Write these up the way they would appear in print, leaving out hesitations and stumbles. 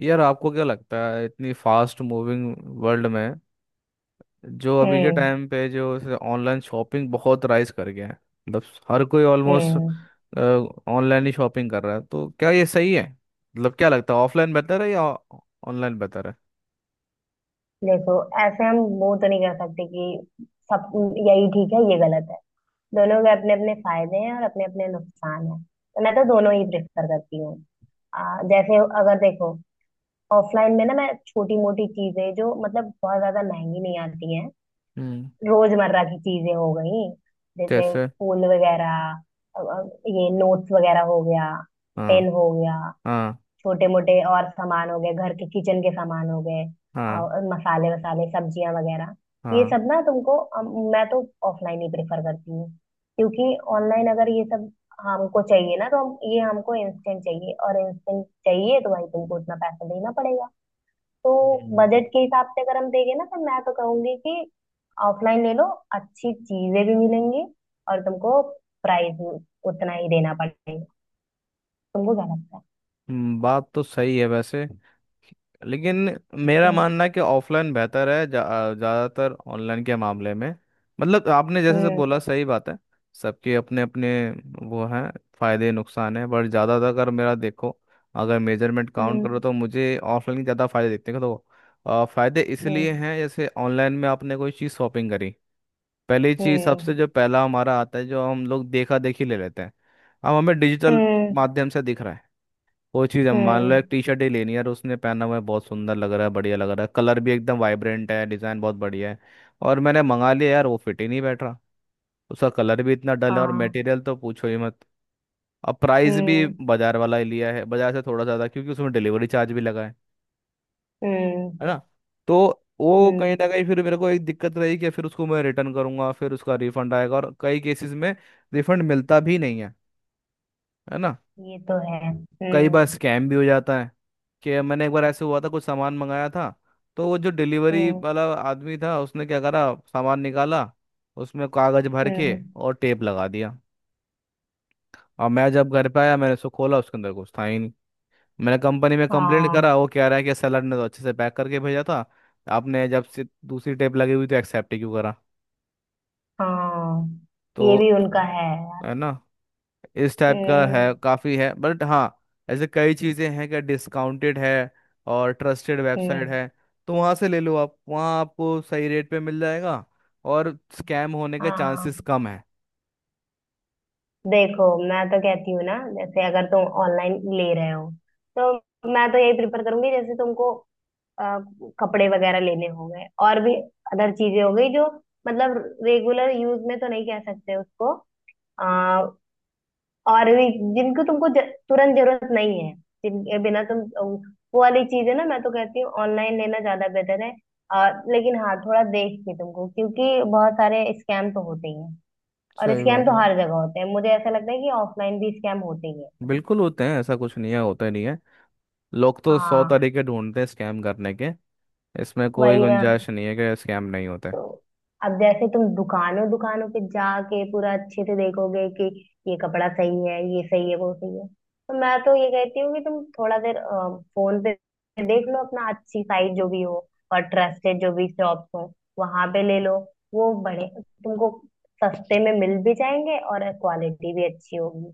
यार आपको क्या लगता है इतनी फास्ट मूविंग वर्ल्ड में जो अभी के हम्म। टाइम पे जो ऑनलाइन शॉपिंग बहुत राइज कर गया है। मतलब हर कोई ऑलमोस्ट हम्म। ऑनलाइन ही शॉपिंग कर रहा है तो क्या ये सही है? मतलब क्या लगता है ऑफलाइन बेहतर है या ऑनलाइन बेहतर है? देखो, ऐसे हम वो तो नहीं कर सकते कि सब यही ठीक है ये गलत है। दोनों के अपने अपने फायदे हैं और अपने अपने नुकसान हैं, तो मैं तो दोनों ही प्रेफर करती हूँ। जैसे अगर देखो, ऑफलाइन में ना मैं छोटी मोटी चीजें जो मतलब बहुत ज्यादा महंगी नहीं आती हैं, हम्म। रोजमर्रा की चीजें हो गई। जैसे जैसे फूल वगैरह, अब ये नोट्स वगैरह हो गया, हाँ पेन हो गया, हाँ छोटे मोटे और सामान हो गए, घर के किचन के सामान हो गए, हाँ और मसाले वसाले सब्जियां वगैरह। ये हाँ सब ना तुमको मैं तो ऑफलाइन ही प्रेफर करती हूँ, क्योंकि ऑनलाइन अगर ये सब हमको चाहिए ना, तो हम ये हमको इंस्टेंट चाहिए, और इंस्टेंट चाहिए तो भाई तुमको उतना पैसा देना पड़ेगा। तो हम्म। बजट के हिसाब से अगर हम देंगे ना, तो मैं तो कहूंगी कि ऑफलाइन ले लो, अच्छी चीजें भी मिलेंगी और तुमको प्राइस उतना ही देना पड़ेगा। तुमको क्या लगता है? बात तो सही है वैसे, लेकिन मेरा हम्म। मानना है कि ऑफलाइन बेहतर है ज़्यादातर ऑनलाइन के मामले में। मतलब आपने जैसे से हम्म। बोला सही बात है। सबके अपने अपने वो हैं फायदे नुकसान हैं बट ज़्यादातर अगर मेरा देखो अगर मेजरमेंट काउंट करो हम्म। तो मुझे ऑफलाइन के ज़्यादा फायदे दिखते हैं तो फायदे इसलिए हैं। जैसे ऑनलाइन में आपने कोई चीज़ शॉपिंग करी पहली चीज़ सबसे जो पहला हमारा आता है जो हम लोग देखा देखी ले लेते हैं। अब हमें डिजिटल 嗯嗯嗯嗯，हाँ। माध्यम से दिख रहा है कोई चीज़ है मान लो एक टी शर्ट ही लेनी है और उसने पहना हुआ है बहुत सुंदर लग रहा है बढ़िया लग रहा है कलर भी एकदम वाइब्रेंट है डिज़ाइन बहुत बढ़िया है। और मैंने मंगा लिया यार वो फिट ही नहीं बैठ रहा उसका कलर भी इतना डल है और मटेरियल तो पूछो ही मत। अब प्राइस भी हम्म। बाजार वाला ही लिया है बाजार से थोड़ा ज़्यादा क्योंकि उसमें डिलीवरी चार्ज भी लगा है। हम्म। हम्म। हाँ। हम्म। है हम्म। ना? तो वो कहीं ना हम्म। कहीं फिर मेरे को एक दिक्कत रही कि फिर उसको मैं रिटर्न करूंगा फिर उसका रिफंड आएगा और कई केसेस में रिफंड मिलता भी नहीं है। है ना? ये तो है। कई बार हम्म। स्कैम भी हो जाता है कि मैंने एक बार ऐसे हुआ था कुछ सामान मंगाया था तो वो जो डिलीवरी हम्म। वाला आदमी था उसने क्या करा सामान निकाला उसमें कागज भर के हम्म। और टेप लगा दिया। और मैं जब घर पे आया मैंने उसको खोला उसके अंदर कुछ था ही नहीं। मैंने कंपनी में कंप्लेंट हाँ। करा वो कह रहा है कि सेलर ने तो अच्छे से पैक करके भेजा था। आपने जब से दूसरी टेप लगी हुई तो एक्सेप्ट ही क्यों करा? हाँ, ये भी तो उनका है यार। है ना। इस टाइप का हम्म। है काफ़ी है बट हाँ ऐसे कई चीज़ें हैं कि डिस्काउंटेड है और ट्रस्टेड वेबसाइट हम्म। है तो वहाँ से ले लो आप वहाँ आपको सही रेट पे मिल जाएगा और स्कैम होने के चांसेस हाँ। कम है। देखो, मैं तो कहती हूँ ना, जैसे अगर तुम ऑनलाइन ले रहे हो तो मैं तो यही प्रिफर करूंगी। जैसे तुमको अ, कपड़े वगैरह लेने हो गए, और भी अदर चीजें हो गई जो मतलब रेगुलर यूज में तो नहीं कह सकते उसको, और भी जिनको तुमको तुरंत जरूरत नहीं है, जिनके बिना तुम वो वाली चीज है ना, मैं तो कहती हूँ ऑनलाइन लेना ज्यादा बेहतर है। और लेकिन हाँ, थोड़ा देख के तुमको, क्योंकि बहुत सारे स्कैम तो होते ही हैं। और सही स्कैम बात तो है। हर जगह होते हैं, मुझे ऐसा लगता है कि ऑफलाइन भी स्कैम होते ही हैं। बिल्कुल होते हैं ऐसा कुछ नहीं है होते नहीं है। लोग तो 100 हाँ। तरीके ढूंढते हैं स्कैम करने के। इसमें कोई वही ना। गुंजाइश नहीं है कि स्कैम नहीं होते। तो अब जैसे तुम दुकानों दुकानों पे जाके पूरा अच्छे से देखोगे कि ये कपड़ा सही है, ये सही है, वो सही है, तो मैं तो ये कहती हूँ कि तुम थोड़ा देर फोन पे देख लो अपना, अच्छी साइट जो भी हो और ट्रस्टेड जो भी शॉप्स हो वहां पे ले लो। वो बड़े तुमको सस्ते में मिल भी जाएंगे और क्वालिटी भी अच्छी होगी।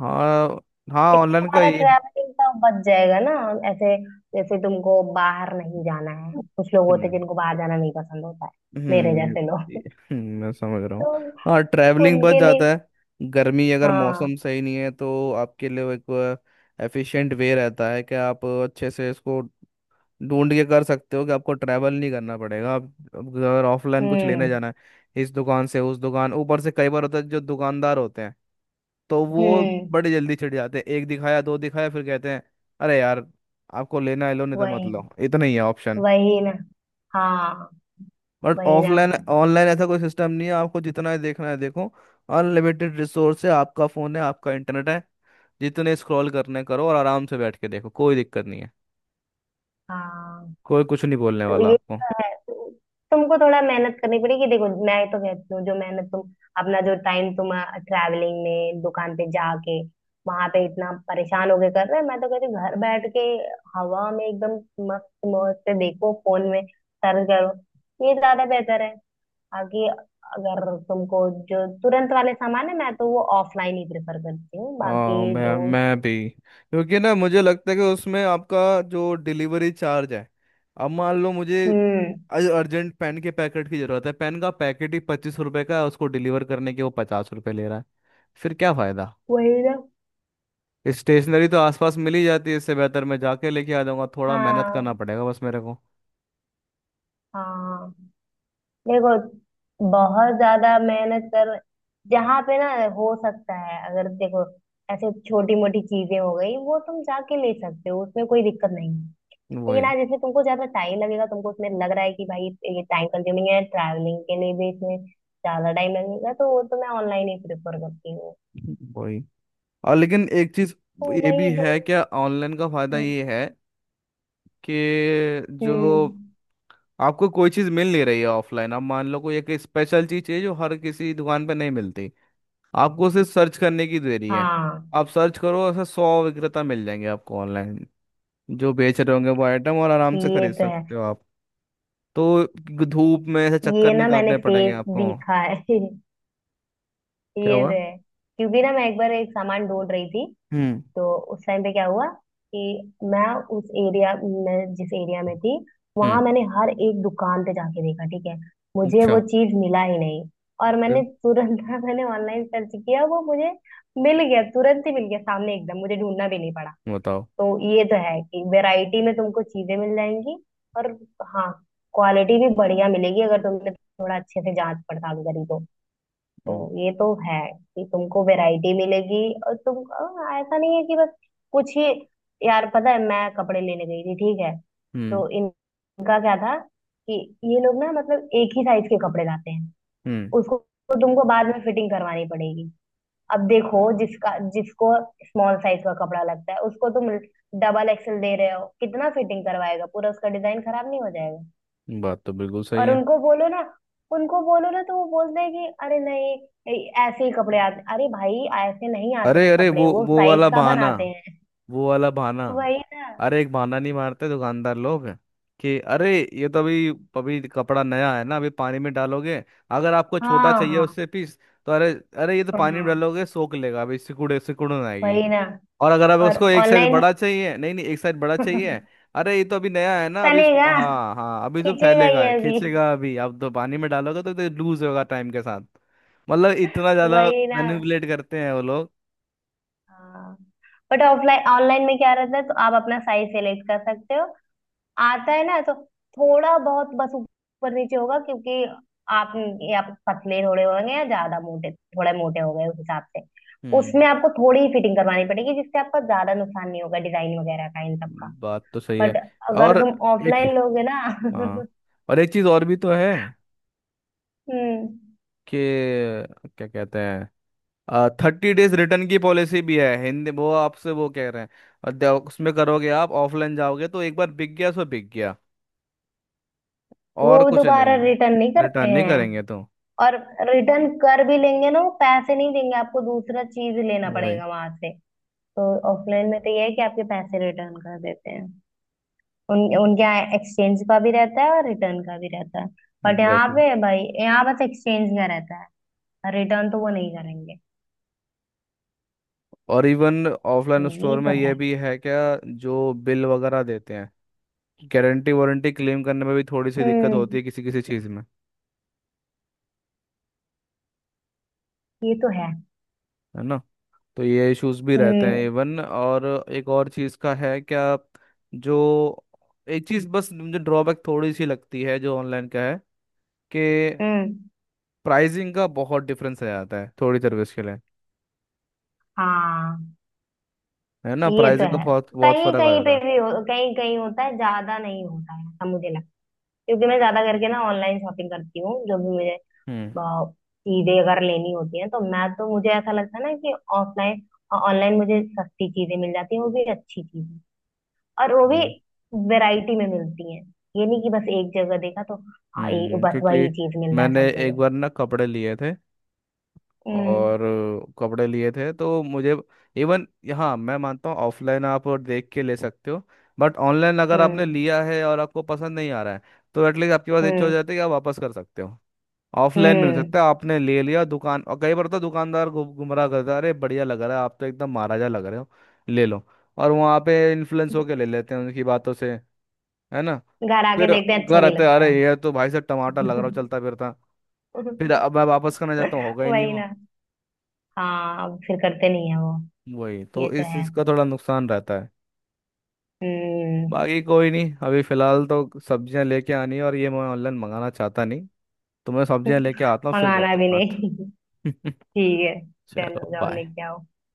हाँ हाँ इससे ऑनलाइन का तुम्हारा ये। ट्रैवलिंग का बच जाएगा ना। ऐसे जैसे तुमको बाहर नहीं जाना है, कुछ लोग होते हैं हम्म जिनको बाहर जाना नहीं पसंद होता है, मेरे जैसे लोग, मैं समझ रहा हूँ। तो हाँ ट्रैवलिंग बच उनके जाता लिए है गर्मी अगर मौसम हाँ। सही नहीं है तो आपके लिए वो एक एफिशिएंट वे रहता है कि आप अच्छे से इसको ढूंढ के कर सकते हो कि आपको ट्रैवल नहीं करना पड़ेगा। आप अगर ऑफलाइन कुछ लेने हम्म। जाना है इस दुकान से उस दुकान ऊपर से कई बार होता है जो दुकानदार होते हैं तो वो हम्म। बड़े जल्दी छिड़ जाते हैं एक दिखाया दो दिखाया फिर कहते हैं अरे यार आपको लेना है लो नहीं तो मत वही। लो इतना ही है ऑप्शन। वही ना। हाँ। बट वही ना। ऑफलाइन ऑनलाइन ऐसा कोई सिस्टम नहीं है आपको जितना ही देखना है देखो। अनलिमिटेड रिसोर्स है आपका फोन है आपका इंटरनेट है जितने स्क्रॉल करने करो और आराम से बैठ के देखो कोई दिक्कत नहीं है। हाँ। कोई कुछ नहीं बोलने तो वाला ये आपको। तो है। तो तुमको थोड़ा मेहनत करनी पड़ेगी। देखो, मैं तो कहती हूँ जो मेहनत तुम, अपना जो टाइम तुम ट्रैवलिंग में दुकान पे जाके वहां पे इतना परेशान होके कर रहे हैं, मैं तो कहती हूँ घर बैठ के, हवा में एकदम मस्त मौज से देखो फोन में, सर्च करो, ये ज्यादा बेहतर है। आगे अगर तुमको, जो तुरंत वाले सामान है मैं तो वो ऑफलाइन ही प्रेफर करती हूँ, बाकी हाँ मैं जो। मैं भी क्योंकि ना मुझे लगता है कि उसमें आपका जो डिलीवरी चार्ज है अब मान लो मुझे हम्म। अर्जेंट पेन के पैकेट की जरूरत है पेन का पैकेट ही 25 रुपए का है उसको डिलीवर करने के वो 50 रुपए ले रहा है। फिर क्या फायदा? वही ना। स्टेशनरी तो आसपास मिल ही जाती है इससे बेहतर मैं जाके लेके आ जाऊंगा थोड़ा मेहनत हाँ। करना पड़ेगा बस मेरे को। हाँ। देखो, बहुत ज्यादा मेहनत कर, जहाँ पे ना, हो सकता है अगर देखो, ऐसे छोटी मोटी चीजें हो गई वो तुम जाके ले सकते हो, उसमें कोई दिक्कत नहीं है। लेकिन वही। आज इसमें तुमको ज्यादा टाइम लगेगा, तुमको उसमें लग रहा है कि भाई ये टाइम कंज्यूमिंग है, ट्रैवलिंग के लिए भी इसमें ज्यादा टाइम लगेगा, तो वो तो मैं ऑनलाइन ही प्रेफर करती हूँ। वही और लेकिन एक चीज तो ये वही भी दो। है क्या ऑनलाइन का फायदा हम्म। ये है कि जो हम्म, आपको कोई चीज मिल नहीं रही है ऑफलाइन आप मान लो कोई एक स्पेशल चीज चाहिए जो हर किसी दुकान पे नहीं मिलती आपको सिर्फ सर्च करने की देरी है हाँ। आप सर्च करो ऐसे 100 विक्रेता मिल जाएंगे आपको ऑनलाइन जो बेच रहे होंगे वो आइटम और आराम से ये खरीद तो है। सकते हो आप। तो धूप में ऐसे ये चक्कर नहीं ना, मैंने काटने पड़ेंगे फेस आपको। दिखा है। क्या ये हुआ? तो है। क्योंकि ना, मैं एक बार एक सामान ढूंढ रही थी। हम्म तो उस टाइम पे क्या हुआ कि मैं उस एरिया, मैं जिस एरिया में थी वहां हम्म मैंने हर एक दुकान पे जाके देखा, ठीक है। मुझे अच्छा। वो चीज मिला ही नहीं। और मैंने फिर? तुरंत ना, मैंने ऑनलाइन सर्च किया, वो मुझे मिल गया, तुरंत ही मिल गया सामने एकदम, मुझे ढूंढना भी नहीं। बताओ। तो ये तो है कि वैरायटी में तुमको चीजें मिल जाएंगी। और हाँ, क्वालिटी भी बढ़िया मिलेगी अगर तुमने थोड़ा अच्छे से जांच पड़ताल करी तो। तो हम्म ये तो है कि तुमको वैरायटी मिलेगी। और तुम ऐसा नहीं है कि बस कुछ ही। यार पता है, मैं कपड़े लेने गई थी, ठीक है। हम्म तो इनका क्या था कि ये लोग ना मतलब एक ही साइज के कपड़े लाते हैं हम्म। उसको। तो तुमको बाद में फिटिंग करवानी पड़ेगी। अब देखो जिसका जिसको स्मॉल साइज का कपड़ा लगता है उसको तुम डबल एक्सेल दे रहे हो, कितना फिटिंग करवाएगा, पूरा उसका डिजाइन खराब नहीं हो जाएगा? बात तो बिल्कुल सही और है। उनको बोलो ना, उनको बोलो ना तो वो बोलते हैं कि अरे नहीं, ऐसे ही कपड़े आते, अरे भाई ऐसे नहीं आते अरे हैं अरे कपड़े, वो वो वो साइज वाला का बहाना। बनाते हैं। वो वाला बहाना। वही ना। अरे एक बहाना नहीं मारते दुकानदार लोग कि अरे ये तो अभी अभी कपड़ा नया है ना अभी पानी में डालोगे अगर आपको छोटा हाँ। चाहिए हाँ। उससे पीस तो अरे अरे ये तो पानी में हाँ। डालोगे सोख लेगा अभी सिकुड़े सिकुड़न आएगी। वही ना। और अगर आप और उसको एक साइज ऑनलाइन। बड़ा चाहिए नहीं नहीं एक साइज बड़ा चाहिए अरे ये तो अभी नया है ना अभी तनेगा, इसको हाँ हाँ अभी जो खींचेगा ये फैलेगा अभी। खींचेगा अभी आप तो पानी में डालोगे तो लूज होगा टाइम के साथ। मतलब इतना ज्यादा वही ना। मैनिपुलेट करते हैं वो लोग। हाँ। बट ऑफलाइन ऑनलाइन में क्या रहता है तो आप अपना साइज सेलेक्ट कर सकते हो, आता है ना तो। थोड़ा बहुत बस ऊपर नीचे होगा क्योंकि आप या पतले थोड़े होंगे या ज्यादा मोटे, थोड़े मोटे हो गए उस हिसाब से। हम्म। उसमें आपको थोड़ी ही फिटिंग करवानी पड़ेगी, जिससे आपका ज्यादा नुकसान नहीं होगा डिजाइन वगैरह का, इन सब का। बात तो सही है बट अगर और तुम एक ऑफलाइन लोगे ना। हाँ और एक चीज और भी तो है हम्म। कि क्या कहते हैं 30 डेज रिटर्न की पॉलिसी भी है हिंदी वो आपसे वो कह रहे हैं और उसमें करोगे आप ऑफलाइन जाओगे तो एक बार बिक गया सो बिक गया। और वो कुछ नहीं दोबारा है रिटर्न नहीं करते रिटर्न नहीं करेंगे हैं। तो। और रिटर्न कर भी लेंगे ना, वो पैसे नहीं देंगे, आपको दूसरा चीज लेना वही। पड़ेगा वहां से। तो ऑफलाइन में तो ये है कि आपके पैसे रिटर्न कर देते हैं। उन उनके यहाँ एक्सचेंज का भी रहता है और रिटर्न का भी रहता है। बट यहाँ एग्जैक्टली पे भाई, यहाँ बस एक्सचेंज का रहता है, रिटर्न तो वो नहीं करेंगे। और इवन तो ऑफलाइन ये स्टोर में तो ये है। भी है क्या जो बिल वगैरह देते हैं गारंटी वारंटी क्लेम करने में भी थोड़ी सी दिक्कत होती हम्म। है किसी किसी चीज़ में। ये तो है। है ना? तो ये इश्यूज भी रहते हैं हम्म। इवन। और एक और चीज़ का है क्या जो एक चीज़ बस मुझे ड्रॉबैक थोड़ी सी लगती है जो ऑनलाइन का है कि हम्म। प्राइसिंग का बहुत डिफरेंस आ जाता है थोड़ी सर्विस के लिए। हाँ, है ना? ये तो प्राइसिंग का है। बहुत बहुत कहीं फर्क आ कहीं जाता पे है। भी कहीं कहीं होता है, ज्यादा नहीं होता है ऐसा मुझे। क्योंकि मैं ज्यादा करके ना ऑनलाइन शॉपिंग करती हूँ, जो भी मुझे चीजें अगर लेनी होती हैं, तो मैं तो मुझे ऐसा लगता है ना कि ऑफलाइन, ऑनलाइन मुझे सस्ती चीजें मिल जाती हैं, वो भी अच्छी चीजें, और वो भी हम्म वैरायटी में मिलती हैं। ये नहीं कि बस एक जगह देखा तो हाँ, ये बस क्योंकि वही चीज मिल रहा है मैंने सब एक जगह। बार ना कपड़े लिए थे हम्म। और कपड़े लिए थे तो मुझे इवन हाँ मैं मानता हूँ ऑफलाइन आप और देख के ले सकते हो बट ऑनलाइन अगर आपने हम्म। लिया है और आपको पसंद नहीं आ रहा है तो एटलीस्ट आपके पास ये चीज़ हो हम्म। जाती है कि आप वापस कर सकते हो। ऑफलाइन मिल हम्म। सकता है आपने ले लिया दुकान और कई बार तो दुकानदार गुमराह करता है अरे बढ़िया लग रहा है आप तो एकदम महाराजा लग रहे हो ले लो। और वहाँ पे इन्फ्लुएंस होके ले लेते हैं उनकी बातों से। है ना? घर आके फिर देखते हैं अच्छा घर नहीं आते हैं, लगता अरे है। ये तो भाई साहब टमाटर लग रहा हो चलता फिरता फिर अब मैं वापस करना चाहता हूँ होगा ही नहीं वही वो। ना। हाँ, अब फिर करते नहीं है वो। वही ये तो तो इस है। चीज का थोड़ा नुकसान रहता है। हम्म। बाकी कोई नहीं अभी फिलहाल तो सब्जियां लेके आनी है और ये मैं ऑनलाइन मंगाना चाहता नहीं। तो मैं सब्जियां लेके आता हूँ फिर मंगाना करते हैं भी बात। नहीं। ठीक है, चलो चलो जाओ बाय। लेके आओ।